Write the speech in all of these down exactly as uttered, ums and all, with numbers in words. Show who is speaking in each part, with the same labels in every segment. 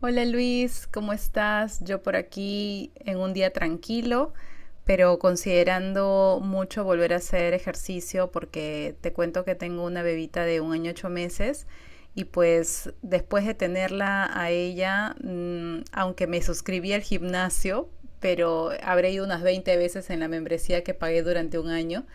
Speaker 1: Hola Luis, ¿cómo estás? Yo por aquí en un día tranquilo, pero considerando mucho volver a hacer ejercicio porque te cuento que tengo una bebita de un año ocho meses y pues después de tenerla a ella, mm, aunque me suscribí al gimnasio, pero habré ido unas veinte veces en la membresía que pagué durante un año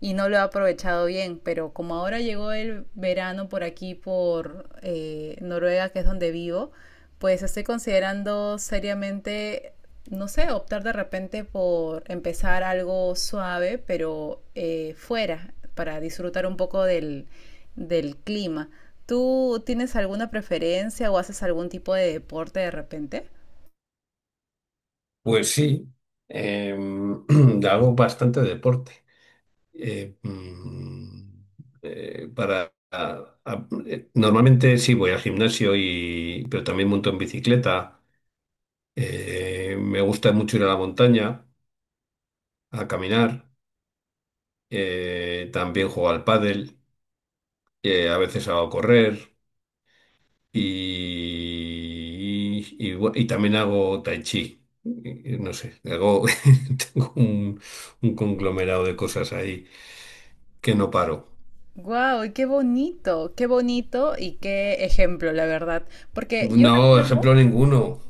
Speaker 1: y no lo he aprovechado bien, pero como ahora llegó el verano por aquí, por eh, Noruega, que es donde vivo, pues estoy considerando seriamente, no sé, optar de repente por empezar algo suave, pero eh, fuera, para disfrutar un poco del, del clima. ¿Tú tienes alguna preferencia o haces algún tipo de deporte de repente?
Speaker 2: Pues sí, em, hago bastante deporte. Eh, mm, eh, para, a- a- eh, Normalmente sí voy al gimnasio y, pero también monto en bicicleta. Eh, me gusta mucho ir a la montaña a caminar. Eh, también juego al pádel. Eh, a veces hago correr y, y, bu- y también hago tai chi. Y- y No sé, hago tengo un un conglomerado de cosas ahí. Que no paro.
Speaker 1: Guau, qué bonito, qué bonito y qué ejemplo, la verdad. Porque yo
Speaker 2: No,
Speaker 1: recuerdo,
Speaker 2: ejemplo ninguno.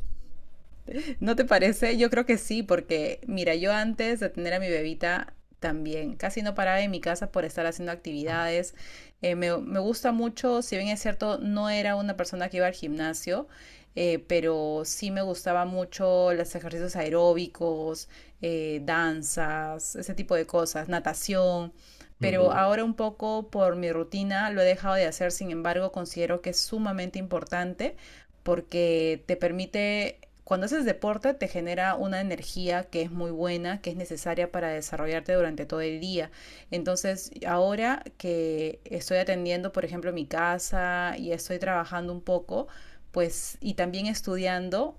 Speaker 1: ¿no te parece? Yo creo que sí, porque mira, yo antes de tener a mi bebita también casi no paraba en mi casa por estar haciendo actividades. Eh, me, me gusta mucho, si bien es cierto, no era una persona que iba al gimnasio. Eh, pero sí me gustaba mucho los ejercicios aeróbicos, eh, danzas, ese tipo de cosas, natación, pero
Speaker 2: Ujú.
Speaker 1: ahora un poco por mi rutina lo he dejado de hacer. Sin embargo, considero que es sumamente importante porque te permite, cuando haces deporte, te genera una energía que es muy buena, que es necesaria para desarrollarte durante todo el día. Entonces, ahora que estoy atendiendo, por ejemplo, mi casa y estoy trabajando un poco, pues, y también estudiando,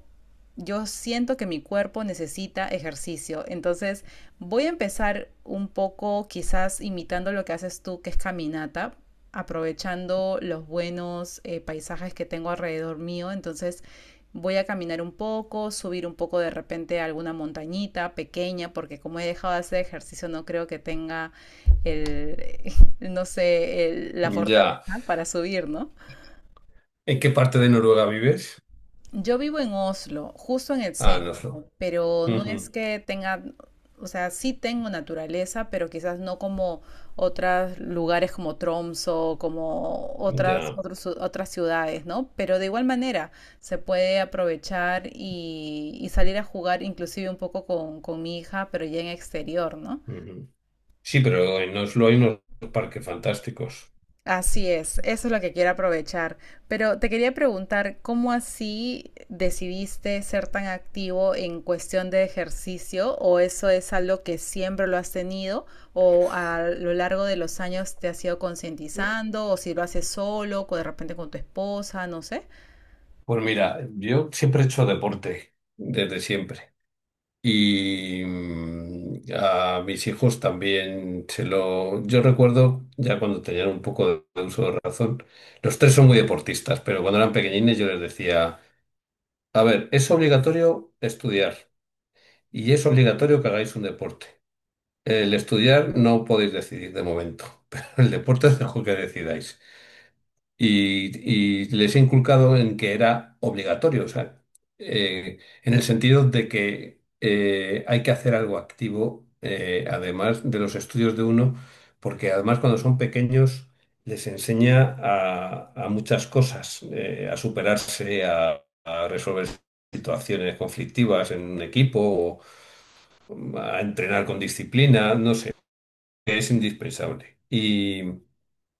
Speaker 1: yo siento que mi cuerpo necesita ejercicio. Entonces voy a empezar un poco quizás imitando lo que haces tú, que es caminata, aprovechando los buenos eh, paisajes que tengo alrededor mío. Entonces voy a caminar un poco, subir un poco de repente a alguna montañita pequeña, porque como he dejado de hacer ejercicio no creo que tenga el, no sé, el- la fortaleza
Speaker 2: Ya.
Speaker 1: para subir, ¿no?
Speaker 2: ¿En qué parte de Noruega vives?
Speaker 1: Yo vivo en Oslo, justo en el
Speaker 2: Ah, en
Speaker 1: centro.
Speaker 2: Oslo.
Speaker 1: Pero no es
Speaker 2: Ujú.
Speaker 1: que tenga, o sea, sí tengo naturaleza, pero quizás no como otros lugares como Tromso, como otras,
Speaker 2: Ya.
Speaker 1: otros- otras ciudades, ¿no? Pero de igual manera se puede aprovechar y, y salir a jugar inclusive un poco con, con mi hija, pero ya en exterior, ¿no?
Speaker 2: Ujú. Sí, pero en Oslo hay unos parques fantásticos.
Speaker 1: Así es, eso es lo que quiero aprovechar. Pero te quería preguntar, ¿cómo así decidiste ser tan activo en cuestión de ejercicio? ¿O eso es algo que siempre lo has tenido? ¿O a lo largo de los años te has ido concientizando? ¿O si lo haces solo, o de repente con tu esposa, no sé?
Speaker 2: Pues mira, yo siempre he hecho deporte, desde siempre. Y mm, a mis hijos también se lo... Yo recuerdo, ya cuando tenían un poco de uso de razón, los tres son muy deportistas, pero cuando eran pequeñines yo les decía, a ver, es obligatorio estudiar. Y es obligatorio que hagáis un deporte. El estudiar no podéis decidir de momento, pero el deporte es algo que decidáis. Y, y les he inculcado en que era obligatorio, o sea, eh, en el sentido de que eh, hay que hacer algo activo, eh, además de los estudios de uno, porque además cuando son pequeños les enseña a, a muchas cosas, eh, a superarse, a, a resolver situaciones conflictivas en un equipo, a entrenar con disciplina, no sé, es indispensable. Y,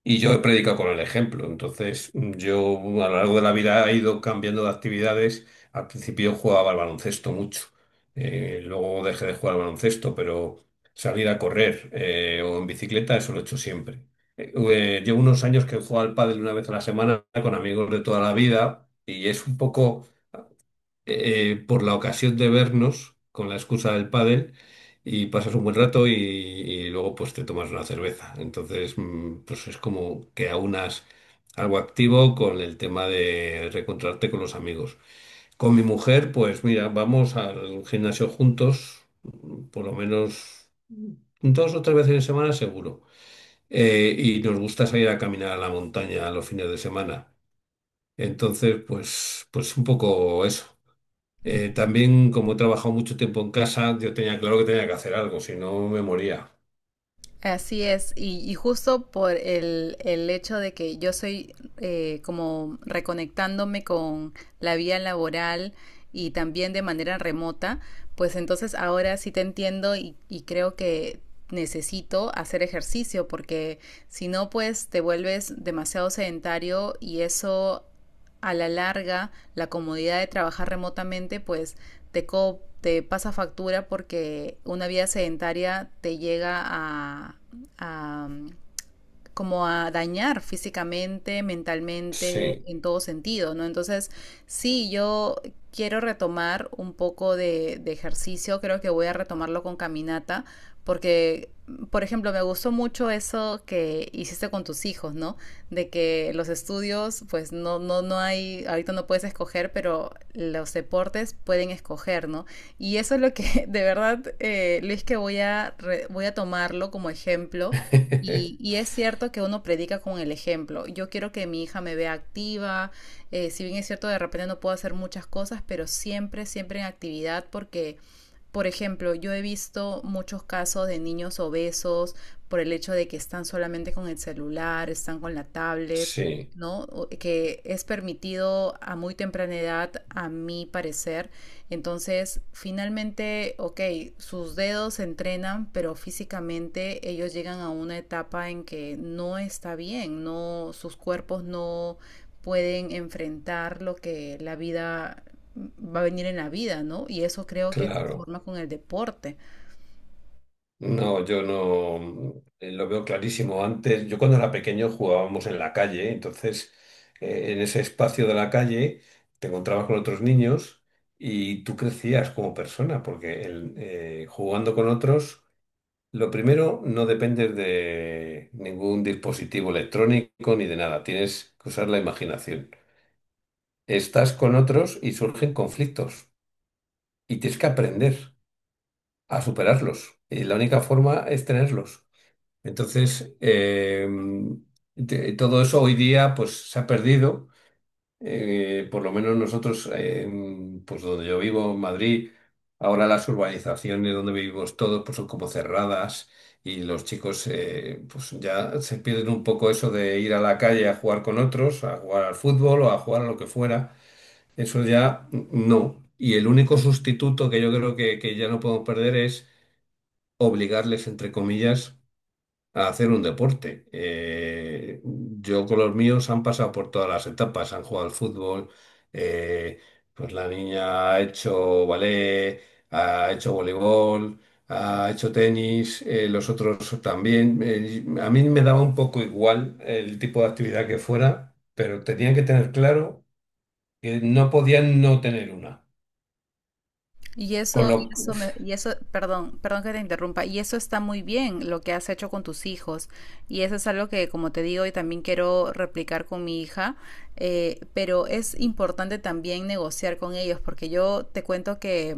Speaker 2: y yo he predicado con el ejemplo, entonces yo a lo largo de la vida he ido cambiando de actividades. Al principio jugaba al baloncesto mucho, eh, luego dejé de jugar al baloncesto, pero salir a correr eh, o en bicicleta, eso lo he hecho siempre. Eh, eh, llevo unos años que juego al pádel una vez a la semana con amigos de toda la vida y es un poco eh, por la ocasión de vernos con la excusa del pádel y pasas un buen rato y, y luego pues te tomas una cerveza. Entonces, mm, pues es como que aunas algo activo con el tema de reencontrarte con los amigos. Con mi mujer, pues mira, vamos al gimnasio juntos, por lo menos dos o tres veces en semana seguro. Eh, y nos gusta salir a caminar a la montaña los fines de semana. Entonces, pues, pues un poco eso. Eh, también, como he trabajado mucho tiempo en casa, yo tenía claro que tenía que hacer algo, si no me moría.
Speaker 1: Así es, y, y justo por el, el hecho de que yo soy eh, como reconectándome con la vía laboral y también de manera remota, pues entonces ahora sí te entiendo y, y creo que necesito hacer ejercicio porque si no pues te vuelves demasiado sedentario y eso a la larga la comodidad de trabajar remotamente pues te, co te pasa factura porque una vida sedentaria te llega a, a, como a dañar físicamente, mentalmente,
Speaker 2: Sí,
Speaker 1: en todo sentido, ¿no? Entonces, sí, yo quiero retomar un poco de, de ejercicio, creo que voy a retomarlo con caminata, porque, por ejemplo, me gustó mucho eso que hiciste con tus hijos, ¿no? De que los estudios, pues no, no, no hay, ahorita no puedes escoger, pero los deportes pueden escoger, ¿no? Y eso es lo que, de verdad, eh, Luis, que voy a, re- voy a tomarlo como ejemplo y, y es cierto que uno predica con el ejemplo. Yo quiero que mi hija me vea activa. Eh, si bien es cierto, de repente no puedo hacer muchas cosas, pero siempre, siempre en actividad porque, por ejemplo, yo he visto muchos casos de niños obesos por el hecho de que están solamente con el celular, están con la tablet,
Speaker 2: sí,
Speaker 1: ¿no? Que es permitido a muy temprana edad, a mi parecer. Entonces, finalmente, ok, sus dedos se entrenan, pero físicamente ellos llegan a una etapa en que no está bien, no, sus cuerpos no pueden enfrentar lo que la vida va a venir en la vida, ¿no? Y eso creo que se
Speaker 2: claro.
Speaker 1: forma con el deporte.
Speaker 2: No, yo no eh, lo veo clarísimo. Antes, yo cuando era pequeño jugábamos en la calle, entonces eh, en ese espacio de la calle te encontrabas con otros niños y tú crecías como persona, porque el- eh, jugando con otros. Lo primero, no dependes de ningún dispositivo electrónico ni de nada. Tienes que usar la imaginación. Estás con otros y surgen conflictos y tienes que aprender a superarlos. Y la única forma es tenerlos. Entonces, eh, te- todo eso hoy día pues, se ha perdido. Eh, por lo menos nosotros, eh, pues donde yo vivo, en Madrid, ahora las urbanizaciones donde vivimos todos pues son como cerradas y los chicos eh, pues ya se pierden un poco eso de ir a la calle a jugar con otros, a jugar al fútbol o a jugar a lo que fuera. Eso ya n- no. Y el único sustituto que yo creo que, que ya no podemos perder es obligarles, entre comillas, a hacer un deporte. Eh, yo con los míos han pasado por todas las etapas, han jugado al fútbol, eh, pues la niña ha hecho ballet, ha hecho voleibol, ha hecho tenis, eh, los otros también. Eh, a mí me daba un poco igual el tipo de actividad que fuera, pero tenían que tener claro que no podían no tener una.
Speaker 1: Y
Speaker 2: Con
Speaker 1: eso,
Speaker 2: lo...
Speaker 1: y eso
Speaker 2: Uf,
Speaker 1: me, y eso, perdón, perdón que te interrumpa, y eso está muy bien lo que has hecho con tus hijos, y eso es algo que, como te digo, y también quiero replicar con mi hija, eh, pero es importante también negociar con ellos, porque yo te cuento que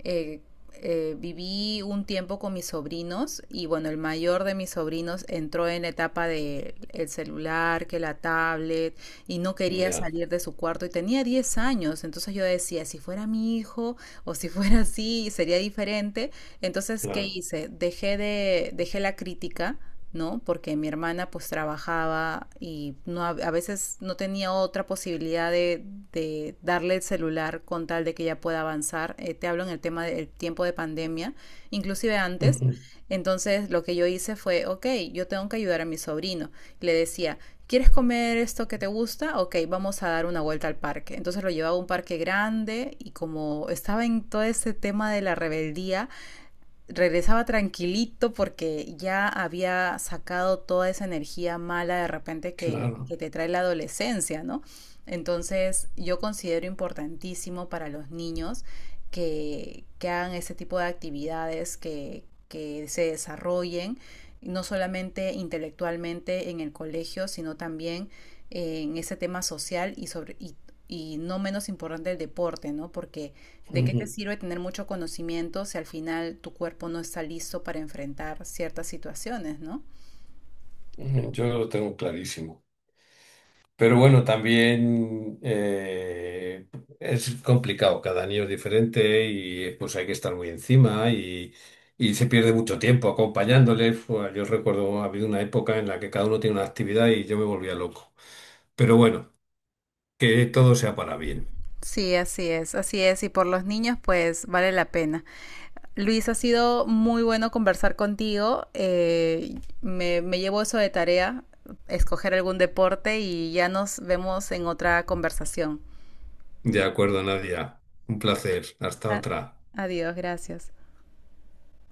Speaker 1: eh, eh, viví un tiempo con mis sobrinos, y bueno, el mayor de mis sobrinos entró en la etapa de el celular, que la tablet, y no quería
Speaker 2: ya,
Speaker 1: salir de su cuarto, y tenía diez años, entonces yo decía, si fuera mi hijo, o si fuera así sería diferente. Entonces, ¿qué
Speaker 2: claro.
Speaker 1: hice? Dejé de, dejé la crítica, ¿no? Porque mi hermana pues trabajaba y no, a a veces no tenía otra posibilidad de, de darle el celular con tal de que ella pueda avanzar. Eh, te hablo en el tema del tiempo de pandemia, inclusive antes.
Speaker 2: Ujú,
Speaker 1: Entonces lo que yo hice fue, ok, yo tengo que ayudar a mi sobrino. Le decía, ¿quieres comer esto que te gusta? Ok, vamos a dar una vuelta al parque. Entonces lo llevaba a un parque grande y como estaba en todo ese tema de la rebeldía, regresaba tranquilito porque ya había sacado toda esa energía mala de repente que,
Speaker 2: claro.
Speaker 1: que te trae la adolescencia, ¿no? Entonces yo considero importantísimo para los niños que, que hagan ese tipo de actividades, que, que se desarrollen, no solamente intelectualmente en el colegio, sino también en ese tema social y sobre y, y no menos importante el deporte, ¿no? Porque ¿de qué te
Speaker 2: Ujú,
Speaker 1: sirve tener mucho conocimiento si al final tu cuerpo no está listo para enfrentar ciertas situaciones, ¿no?
Speaker 2: ujú. Yo lo tengo clarísimo. Pero bueno, también eh, es complicado, cada niño es diferente y pues hay que estar muy encima y, y se pierde mucho tiempo acompañándole. Fue- Yo recuerdo, ha habido una época en la que cada uno tiene una actividad y yo me volvía loco. Pero bueno, que todo sea para bien.
Speaker 1: Sí, así es, así es. Y por los niños, pues vale la pena. Luis, ha sido muy bueno conversar contigo. Eh, me, me llevo eso de tarea, escoger algún deporte y ya nos vemos en otra conversación.
Speaker 2: De acuerdo, Nadia. Un placer. Hasta
Speaker 1: Ah,
Speaker 2: otra.
Speaker 1: adiós, gracias.